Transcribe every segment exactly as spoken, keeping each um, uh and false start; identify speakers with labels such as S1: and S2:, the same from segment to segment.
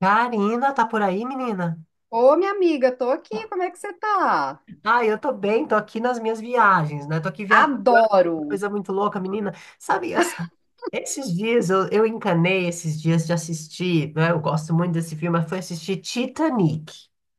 S1: Karina, tá por aí, menina?
S2: Ô, minha amiga, tô aqui, como é que você tá?
S1: Ah, eu tô bem, tô aqui nas minhas viagens, né? Tô aqui viajando,
S2: Adoro.
S1: coisa muito louca, menina. Sabe, assim, esses dias eu, eu encanei esses dias de assistir, né? Eu gosto muito desse filme, mas foi assistir Titanic,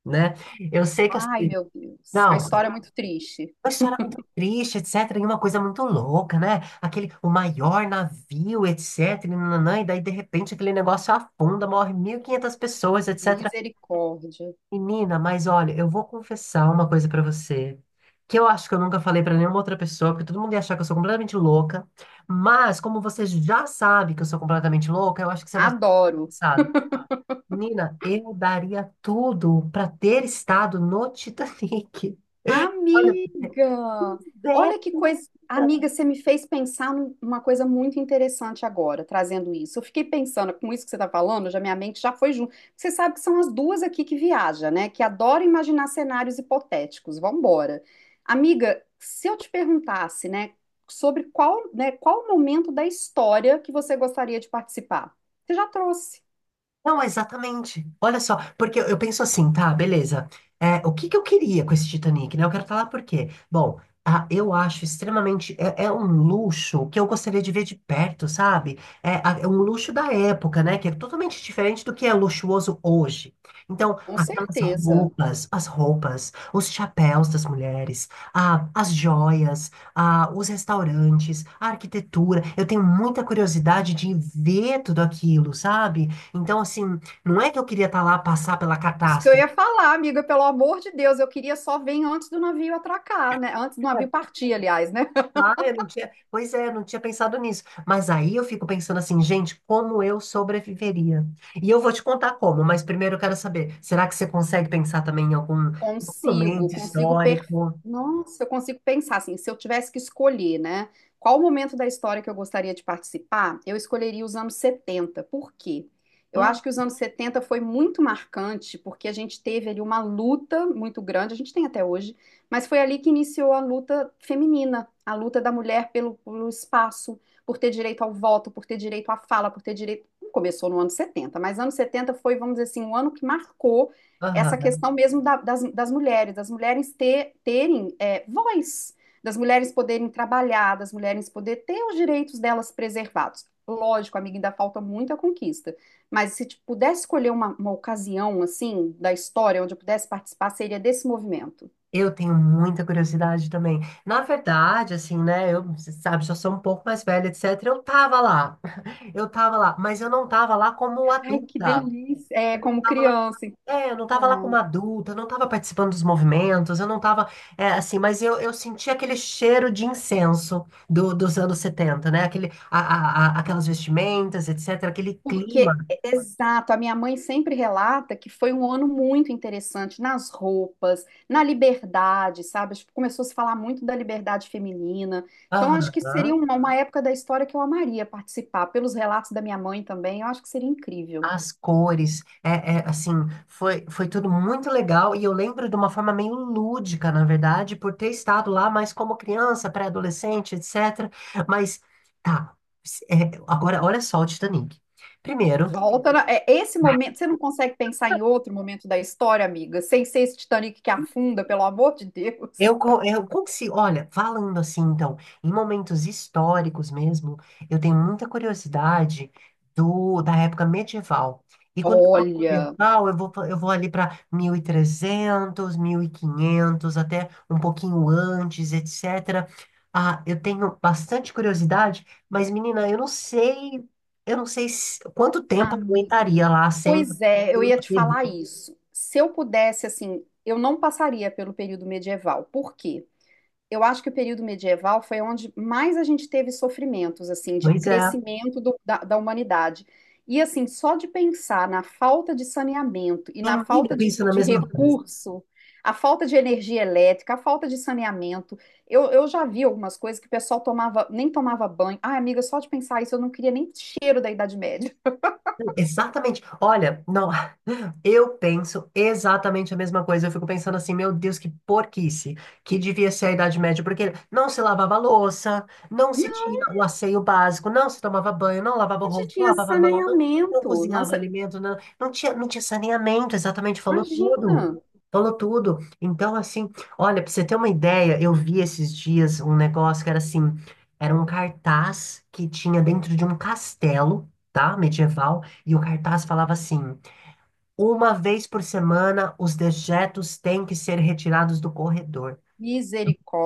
S1: né? Eu sei que
S2: Ai,
S1: assim,
S2: meu Deus, a
S1: não,
S2: história é muito triste.
S1: uma história muito triste, etc, e uma coisa muito louca, né? Aquele, o maior navio, etc, e nananã, e daí de repente aquele negócio afunda, morre mil e quinhentas pessoas, etcétera.
S2: Misericórdia.
S1: Menina, mas olha, eu vou confessar uma coisa pra você, que eu acho que eu nunca falei pra nenhuma outra pessoa, porque todo mundo ia achar que eu sou completamente louca, mas como você já sabe que eu sou completamente louca, eu acho que você vai ser
S2: Adoro.
S1: interessado. Menina, eu daria tudo pra ter estado no Titanic. Olha, é,
S2: Amiga,
S1: menina.
S2: olha que coisa. Amiga, você me fez pensar num- numa coisa muito interessante agora, trazendo isso. Eu fiquei pensando, com isso que você está falando, já minha mente já foi junto. Você sabe que são as duas aqui que viajam, né? Que adoram imaginar cenários hipotéticos. Vambora. Amiga, se eu te perguntasse, né, sobre qual, né, qual o momento da história que você gostaria de participar? Você já trouxe,
S1: Não, exatamente. Olha só, porque eu eu penso assim, tá, beleza. É, o que que eu queria com esse Titanic, né? Eu quero falar por quê. Bom, ah, eu acho extremamente. É, é um luxo que eu gostaria de ver de perto, sabe? É, a- é um luxo da época, né? Que é totalmente diferente do que é luxuoso hoje. Então,
S2: com
S1: aquelas
S2: certeza.
S1: roupas, as roupas, os chapéus das mulheres, ah, as joias, ah, os restaurantes, a arquitetura. Eu tenho muita curiosidade de ver tudo aquilo, sabe? Então, assim, não é que eu queria estar lá passar pela
S2: Isso que eu
S1: catástrofe.
S2: ia falar, amiga, pelo amor de Deus, eu queria só vir antes do navio atracar, né? Antes do navio partir, aliás, né?
S1: Ah, eu não tinha. Pois é, eu não tinha pensado nisso. Mas aí eu fico pensando assim, gente, como eu sobreviveria? E eu vou te contar como, mas primeiro eu quero saber, será que você consegue pensar também em algum
S2: Consigo,
S1: momento
S2: consigo per...
S1: histórico?
S2: Nossa, eu consigo pensar assim, se eu tivesse que escolher, né? Qual o momento da história que eu gostaria de participar? Eu escolheria os anos setenta. Por quê? Eu
S1: Hum,
S2: acho que os anos setenta foi muito marcante, porque a gente teve ali uma luta muito grande, a gente tem até hoje, mas foi ali que iniciou a luta feminina, a luta da mulher pelo, pelo espaço, por ter direito ao voto, por ter direito à fala, por ter direito. Não começou no ano setenta, mas ano setenta foi, vamos dizer assim, um ano que marcou essa
S1: aham.
S2: questão mesmo da- das, das mulheres, das mulheres ter- terem é, voz, das mulheres poderem trabalhar, das mulheres poderem ter os direitos delas preservados. Lógico, amiga, ainda falta muita conquista, mas se tipo, pudesse escolher uma, uma ocasião assim da história onde eu pudesse participar, seria desse movimento.
S1: Eu tenho muita curiosidade também. Na verdade, assim, né? Eu, você sabe, já sou um pouco mais velha, etcétera. Eu tava lá, eu tava lá, mas eu não tava lá como
S2: Ai, que
S1: adulta.
S2: delícia! É,
S1: Eu não
S2: como
S1: tava lá.
S2: criança.
S1: É, eu não estava lá
S2: É.
S1: como adulta, eu não estava participando dos movimentos, eu não estava, assim, mas eu, eu senti aquele cheiro de incenso do- dos anos setenta, né? Aquele, a- a- a- aquelas vestimentas, etcétera, aquele clima.
S2: Porque, exato, a minha mãe sempre relata que foi um ano muito interessante nas roupas, na liberdade, sabe? Acho que começou a se falar muito da liberdade feminina. Então, acho que seria
S1: Aham.
S2: uma, uma época da história que eu amaria participar. Pelos relatos da minha mãe também, eu acho que seria incrível.
S1: As cores, é, é, assim, foi, foi tudo muito legal e eu lembro de uma forma meio lúdica, na verdade, por ter estado lá, mas como criança, pré-adolescente, etcétera. Mas, tá, é, agora, olha só o Titanic. Primeiro,
S2: Volta, na- é esse momento, você não consegue pensar em outro momento da história, amiga, sem ser esse Titanic que afunda, pelo amor de Deus.
S1: Eu, co- eu, como se, olha, falando assim, então, em momentos históricos mesmo, eu tenho muita curiosidade do, da época medieval. E quando eu falo
S2: Olha,
S1: medieval, eu vou, fa- eu vou ali para mil mil e trezentos mil e quinhentos até um pouquinho antes, etcétera. Ah, eu tenho bastante curiosidade, mas, menina, eu não sei, eu não sei se- quanto tempo eu
S2: amiga.
S1: aguentaria lá sem
S2: Pois é, eu
S1: sem
S2: ia te falar
S1: tê vê.
S2: isso. Se eu pudesse, assim, eu não passaria pelo período medieval. Por quê? Eu acho que o período medieval foi onde mais a gente teve sofrimentos, assim, de
S1: Pois é.
S2: crescimento do- da, da humanidade. E, assim, só de pensar na falta de saneamento e na
S1: Menina,
S2: falta
S1: eu
S2: de,
S1: penso na
S2: de
S1: mesma coisa.
S2: recurso, a falta de energia elétrica, a falta de saneamento. Eu, eu já vi algumas coisas que o pessoal tomava, nem tomava banho. Ah, amiga, só de pensar isso, eu não queria nem cheiro da Idade Média.
S1: Exatamente. Olha, não, eu penso exatamente a mesma coisa. Eu fico pensando assim, meu Deus, que porquice, que devia ser a Idade Média, porque não se lavava louça, não se tinha o asseio básico, não se tomava banho, não lavava o
S2: Onde
S1: rosto, não
S2: tinha
S1: lavava a mão, não, não
S2: saneamento? Não
S1: cozinhava alimento, não, não tinha, não tinha saneamento, exatamente, falou
S2: imagina.
S1: tudo. Falou tudo. Então, assim, olha, pra você ter uma ideia, eu vi esses dias um negócio que era assim, era um cartaz que tinha dentro de um castelo, tá? Medieval. E o cartaz falava assim: uma vez por semana os dejetos têm que ser retirados do corredor.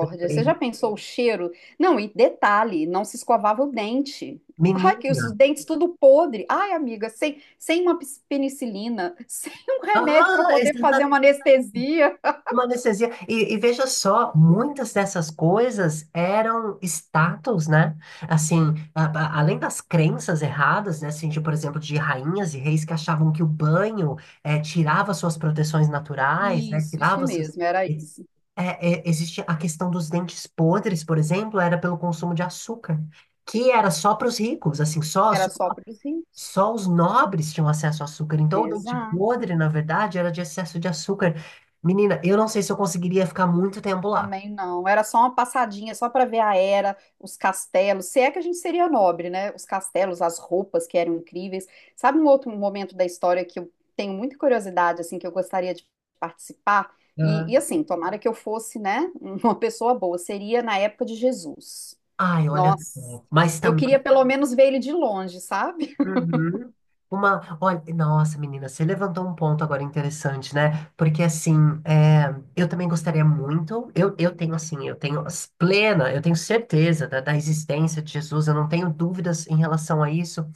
S1: Eu falei,
S2: Você já pensou o cheiro? Não, e detalhe, não se escovava o dente. Ai, que os os
S1: menina,
S2: dentes tudo podre. Ai, amiga, sem, sem uma pis- penicilina, sem um remédio para
S1: ah,
S2: poder fazer uma
S1: exatamente.
S2: anestesia.
S1: Uma anestesia. E, e veja só, muitas dessas coisas eram status, né? Assim, a- a- além das crenças erradas, né? Assim, de, por exemplo, de rainhas e reis que achavam que o banho eh, tirava suas proteções naturais, né?
S2: Isso, isso
S1: Tirava suas...
S2: mesmo, era isso.
S1: é, é, existe a questão dos dentes podres, por exemplo, era pelo consumo de açúcar, que era só para os ricos, assim, só,
S2: Era só para os ricos.
S1: só os nobres tinham acesso a açúcar. Então, o dente
S2: Exato.
S1: podre, na verdade, era de excesso de açúcar. Menina, eu não sei se eu conseguiria ficar muito tempo lá.
S2: Também não. Era só uma passadinha, só para ver a era, os castelos. Se é que a gente seria nobre, né? Os castelos, as roupas que eram incríveis. Sabe um outro momento da história que eu tenho muita curiosidade, assim, que eu gostaria de participar?
S1: Ah.
S2: E, e assim, tomara que eu fosse, né, uma pessoa boa. Seria na época de Jesus.
S1: Ai, olha.
S2: Nossa,
S1: Mas
S2: eu queria
S1: também.
S2: pelo menos ver ele de longe, sabe?
S1: Uhum. Uma. Olha, nossa, menina, você levantou um ponto agora interessante, né? Porque, assim, é, eu também gostaria muito. Eu, eu tenho, assim, eu tenho as- plena, eu tenho certeza da, da existência de Jesus, eu não tenho dúvidas em relação a isso.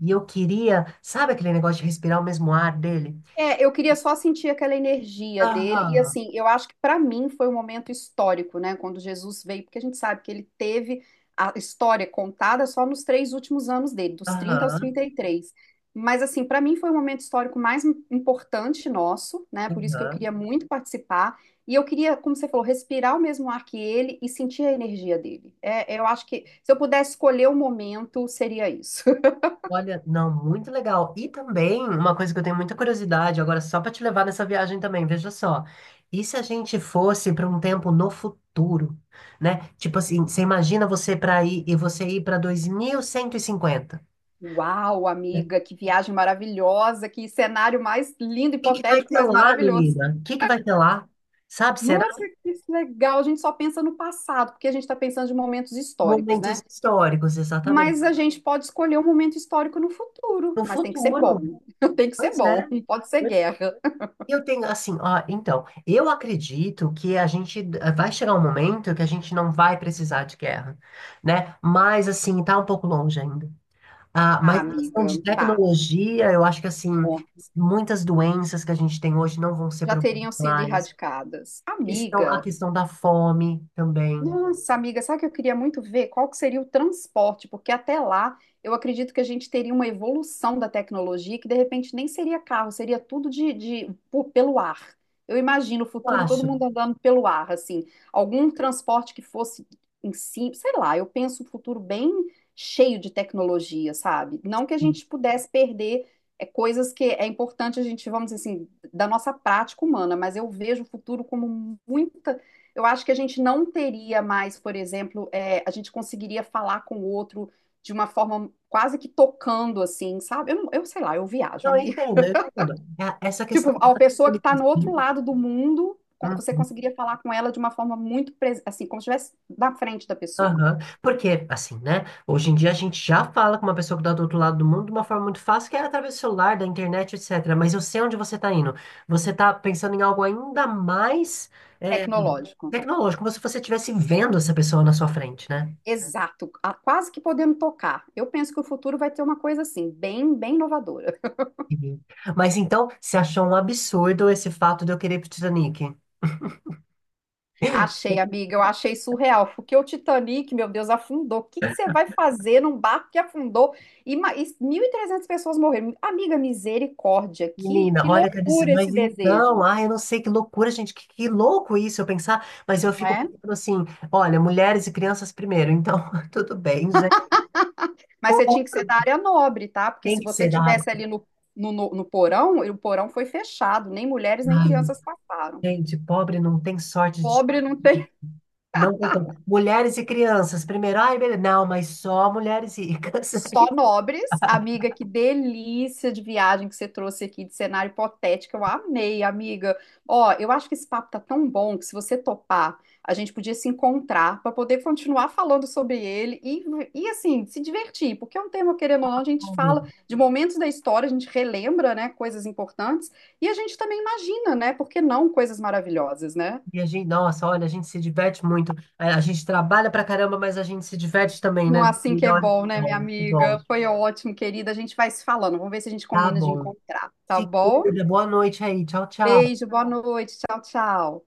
S1: E eu queria. Sabe aquele negócio de respirar o mesmo ar dele?
S2: É, eu queria só sentir aquela energia dele. E
S1: Aham.
S2: assim, eu acho que para mim foi um momento histórico, né? Quando Jesus veio, porque a gente sabe que ele teve a história contada só nos três últimos anos dele, dos trinta aos
S1: Aham,
S2: trinta e três. Mas assim, para mim foi o momento histórico mais im- importante nosso, né? Por isso que eu
S1: aham.
S2: queria muito participar. E eu queria, como você falou, respirar o mesmo ar que ele e sentir a energia dele. É, eu acho que se eu pudesse escolher o momento, seria isso.
S1: Olha, não, muito legal. E também, uma coisa que eu tenho muita curiosidade, agora só para te levar nessa viagem também, veja só. E se a gente fosse para um tempo no futuro, né? Tipo assim, você imagina você para ir e você ir para dois mil cento e cinquenta.
S2: Uau,
S1: Né? O
S2: amiga, que viagem maravilhosa, que cenário mais lindo,
S1: que que vai
S2: hipotético,
S1: ter
S2: mas
S1: lá,
S2: maravilhoso.
S1: menina? O que que vai ter lá? Sabe, será?
S2: Nossa, que legal! A gente só pensa no passado, porque a gente está pensando de momentos históricos,
S1: Momentos
S2: né?
S1: históricos, exatamente.
S2: Mas a gente pode escolher um momento histórico no futuro,
S1: No
S2: mas tem que ser
S1: futuro.
S2: bom. Tem que ser
S1: Pois é.
S2: bom, não pode ser guerra.
S1: Eu tenho assim, ó, então, eu acredito que a gente eh, vai chegar um momento que a gente não vai precisar de guerra, né? Mas assim, tá um pouco longe ainda. Ah,
S2: Ah,
S1: mas em questão
S2: amiga,
S1: de
S2: tá.
S1: tecnologia, eu acho que assim,
S2: Bom,
S1: muitas doenças que a gente tem hoje não vão ser
S2: já
S1: problemas
S2: teriam sido
S1: mais.
S2: erradicadas.
S1: Questão, a
S2: Amiga.
S1: questão da fome também.
S2: Nossa, amiga, sabe o que eu queria muito ver? Qual que seria o transporte? Porque até lá eu acredito que a gente teria uma evolução da tecnologia que de repente nem seria carro, seria tudo de, de- pô, pelo ar. Eu imagino o
S1: Eu
S2: futuro todo
S1: acho.
S2: mundo andando pelo ar, assim, algum transporte que fosse em si, sei lá, eu penso um futuro bem cheio de tecnologia, sabe? Não que a gente pudesse perder é, coisas que é importante a gente, vamos dizer assim, da nossa prática humana, mas eu vejo o futuro como muita. Eu acho que a gente não teria mais, por exemplo, é, a gente conseguiria falar com o outro de uma forma quase que tocando, assim, sabe? Eu, eu sei lá, eu viajo,
S1: Não, eu
S2: amiga.
S1: entendo, eu entendo. É, essa
S2: Tipo,
S1: questão.
S2: a pessoa que está no outro lado do mundo, co- você
S1: Hum.
S2: conseguiria falar com ela de uma forma muito, pres- assim, como se estivesse na frente da pessoa.
S1: Aham. Porque, assim, né? Hoje em dia a gente já fala com uma pessoa que está do outro lado do mundo de uma forma muito fácil, que é através do celular, da internet, etcétera. Mas eu sei onde você está indo. Você está pensando em algo ainda mais é,
S2: Tecnológico.
S1: tecnológico, como se você estivesse vendo essa pessoa na sua frente, né?
S2: Exato. Ah, quase que podendo tocar. Eu penso que o futuro vai ter uma coisa assim, bem, bem inovadora.
S1: Uhum. Mas então, você achou um absurdo esse fato de eu querer ir pro Titanic?
S2: Achei, amiga, eu achei surreal. Porque o Titanic, meu Deus, afundou. O que que você vai fazer num barco que afundou e, ma- e mil e trezentas pessoas morreram? Amiga, misericórdia, que,
S1: Menina,
S2: que
S1: olha que absurdo.
S2: loucura
S1: Mas
S2: esse
S1: então,
S2: desejo,
S1: ai, eu não sei que loucura, gente, que, que louco isso eu pensar, mas eu
S2: não
S1: fico
S2: é?
S1: pensando assim, olha, mulheres e crianças primeiro, então tudo bem, gente.
S2: Mas você tinha que
S1: Outro
S2: ser da área nobre, tá? Porque
S1: tem
S2: se
S1: que
S2: você
S1: ser da área.
S2: tivesse ali no, no, no, no porão, e o porão foi fechado, nem mulheres nem
S1: Ai,
S2: crianças passaram.
S1: gente, pobre não tem sorte de.
S2: Pobre não.
S1: Não tem como. Mulheres e crianças, primeiro. Ai, beleza. Não, mas só mulheres ricas.
S2: Só
S1: Aí,
S2: nobres, amiga, que delícia de viagem que você trouxe aqui, de cenário hipotético. Eu amei, amiga. Ó, eu acho que esse papo tá tão bom que se você topar, a gente podia se encontrar para poder continuar falando sobre ele e, e assim, se divertir, porque é um tema, querendo ou não, a gente fala
S1: cara,
S2: de momentos da história, a gente relembra, né, coisas importantes e a gente também imagina, né, por que não coisas maravilhosas, né?
S1: e a gente, nossa, olha, a gente se diverte muito. A a gente trabalha pra caramba, mas a gente se diverte também,
S2: Não
S1: né,
S2: é assim que
S1: menina?
S2: é
S1: Olha, que
S2: bom, né, minha
S1: bom, que
S2: amiga?
S1: bom.
S2: Foi ótimo, querida. A gente vai se falando. Vamos ver se a gente
S1: Tá
S2: combina de
S1: bom.
S2: encontrar, tá
S1: Se
S2: bom?
S1: cuida. Boa noite aí. Tchau, tchau.
S2: Beijo, boa noite. Tchau, tchau.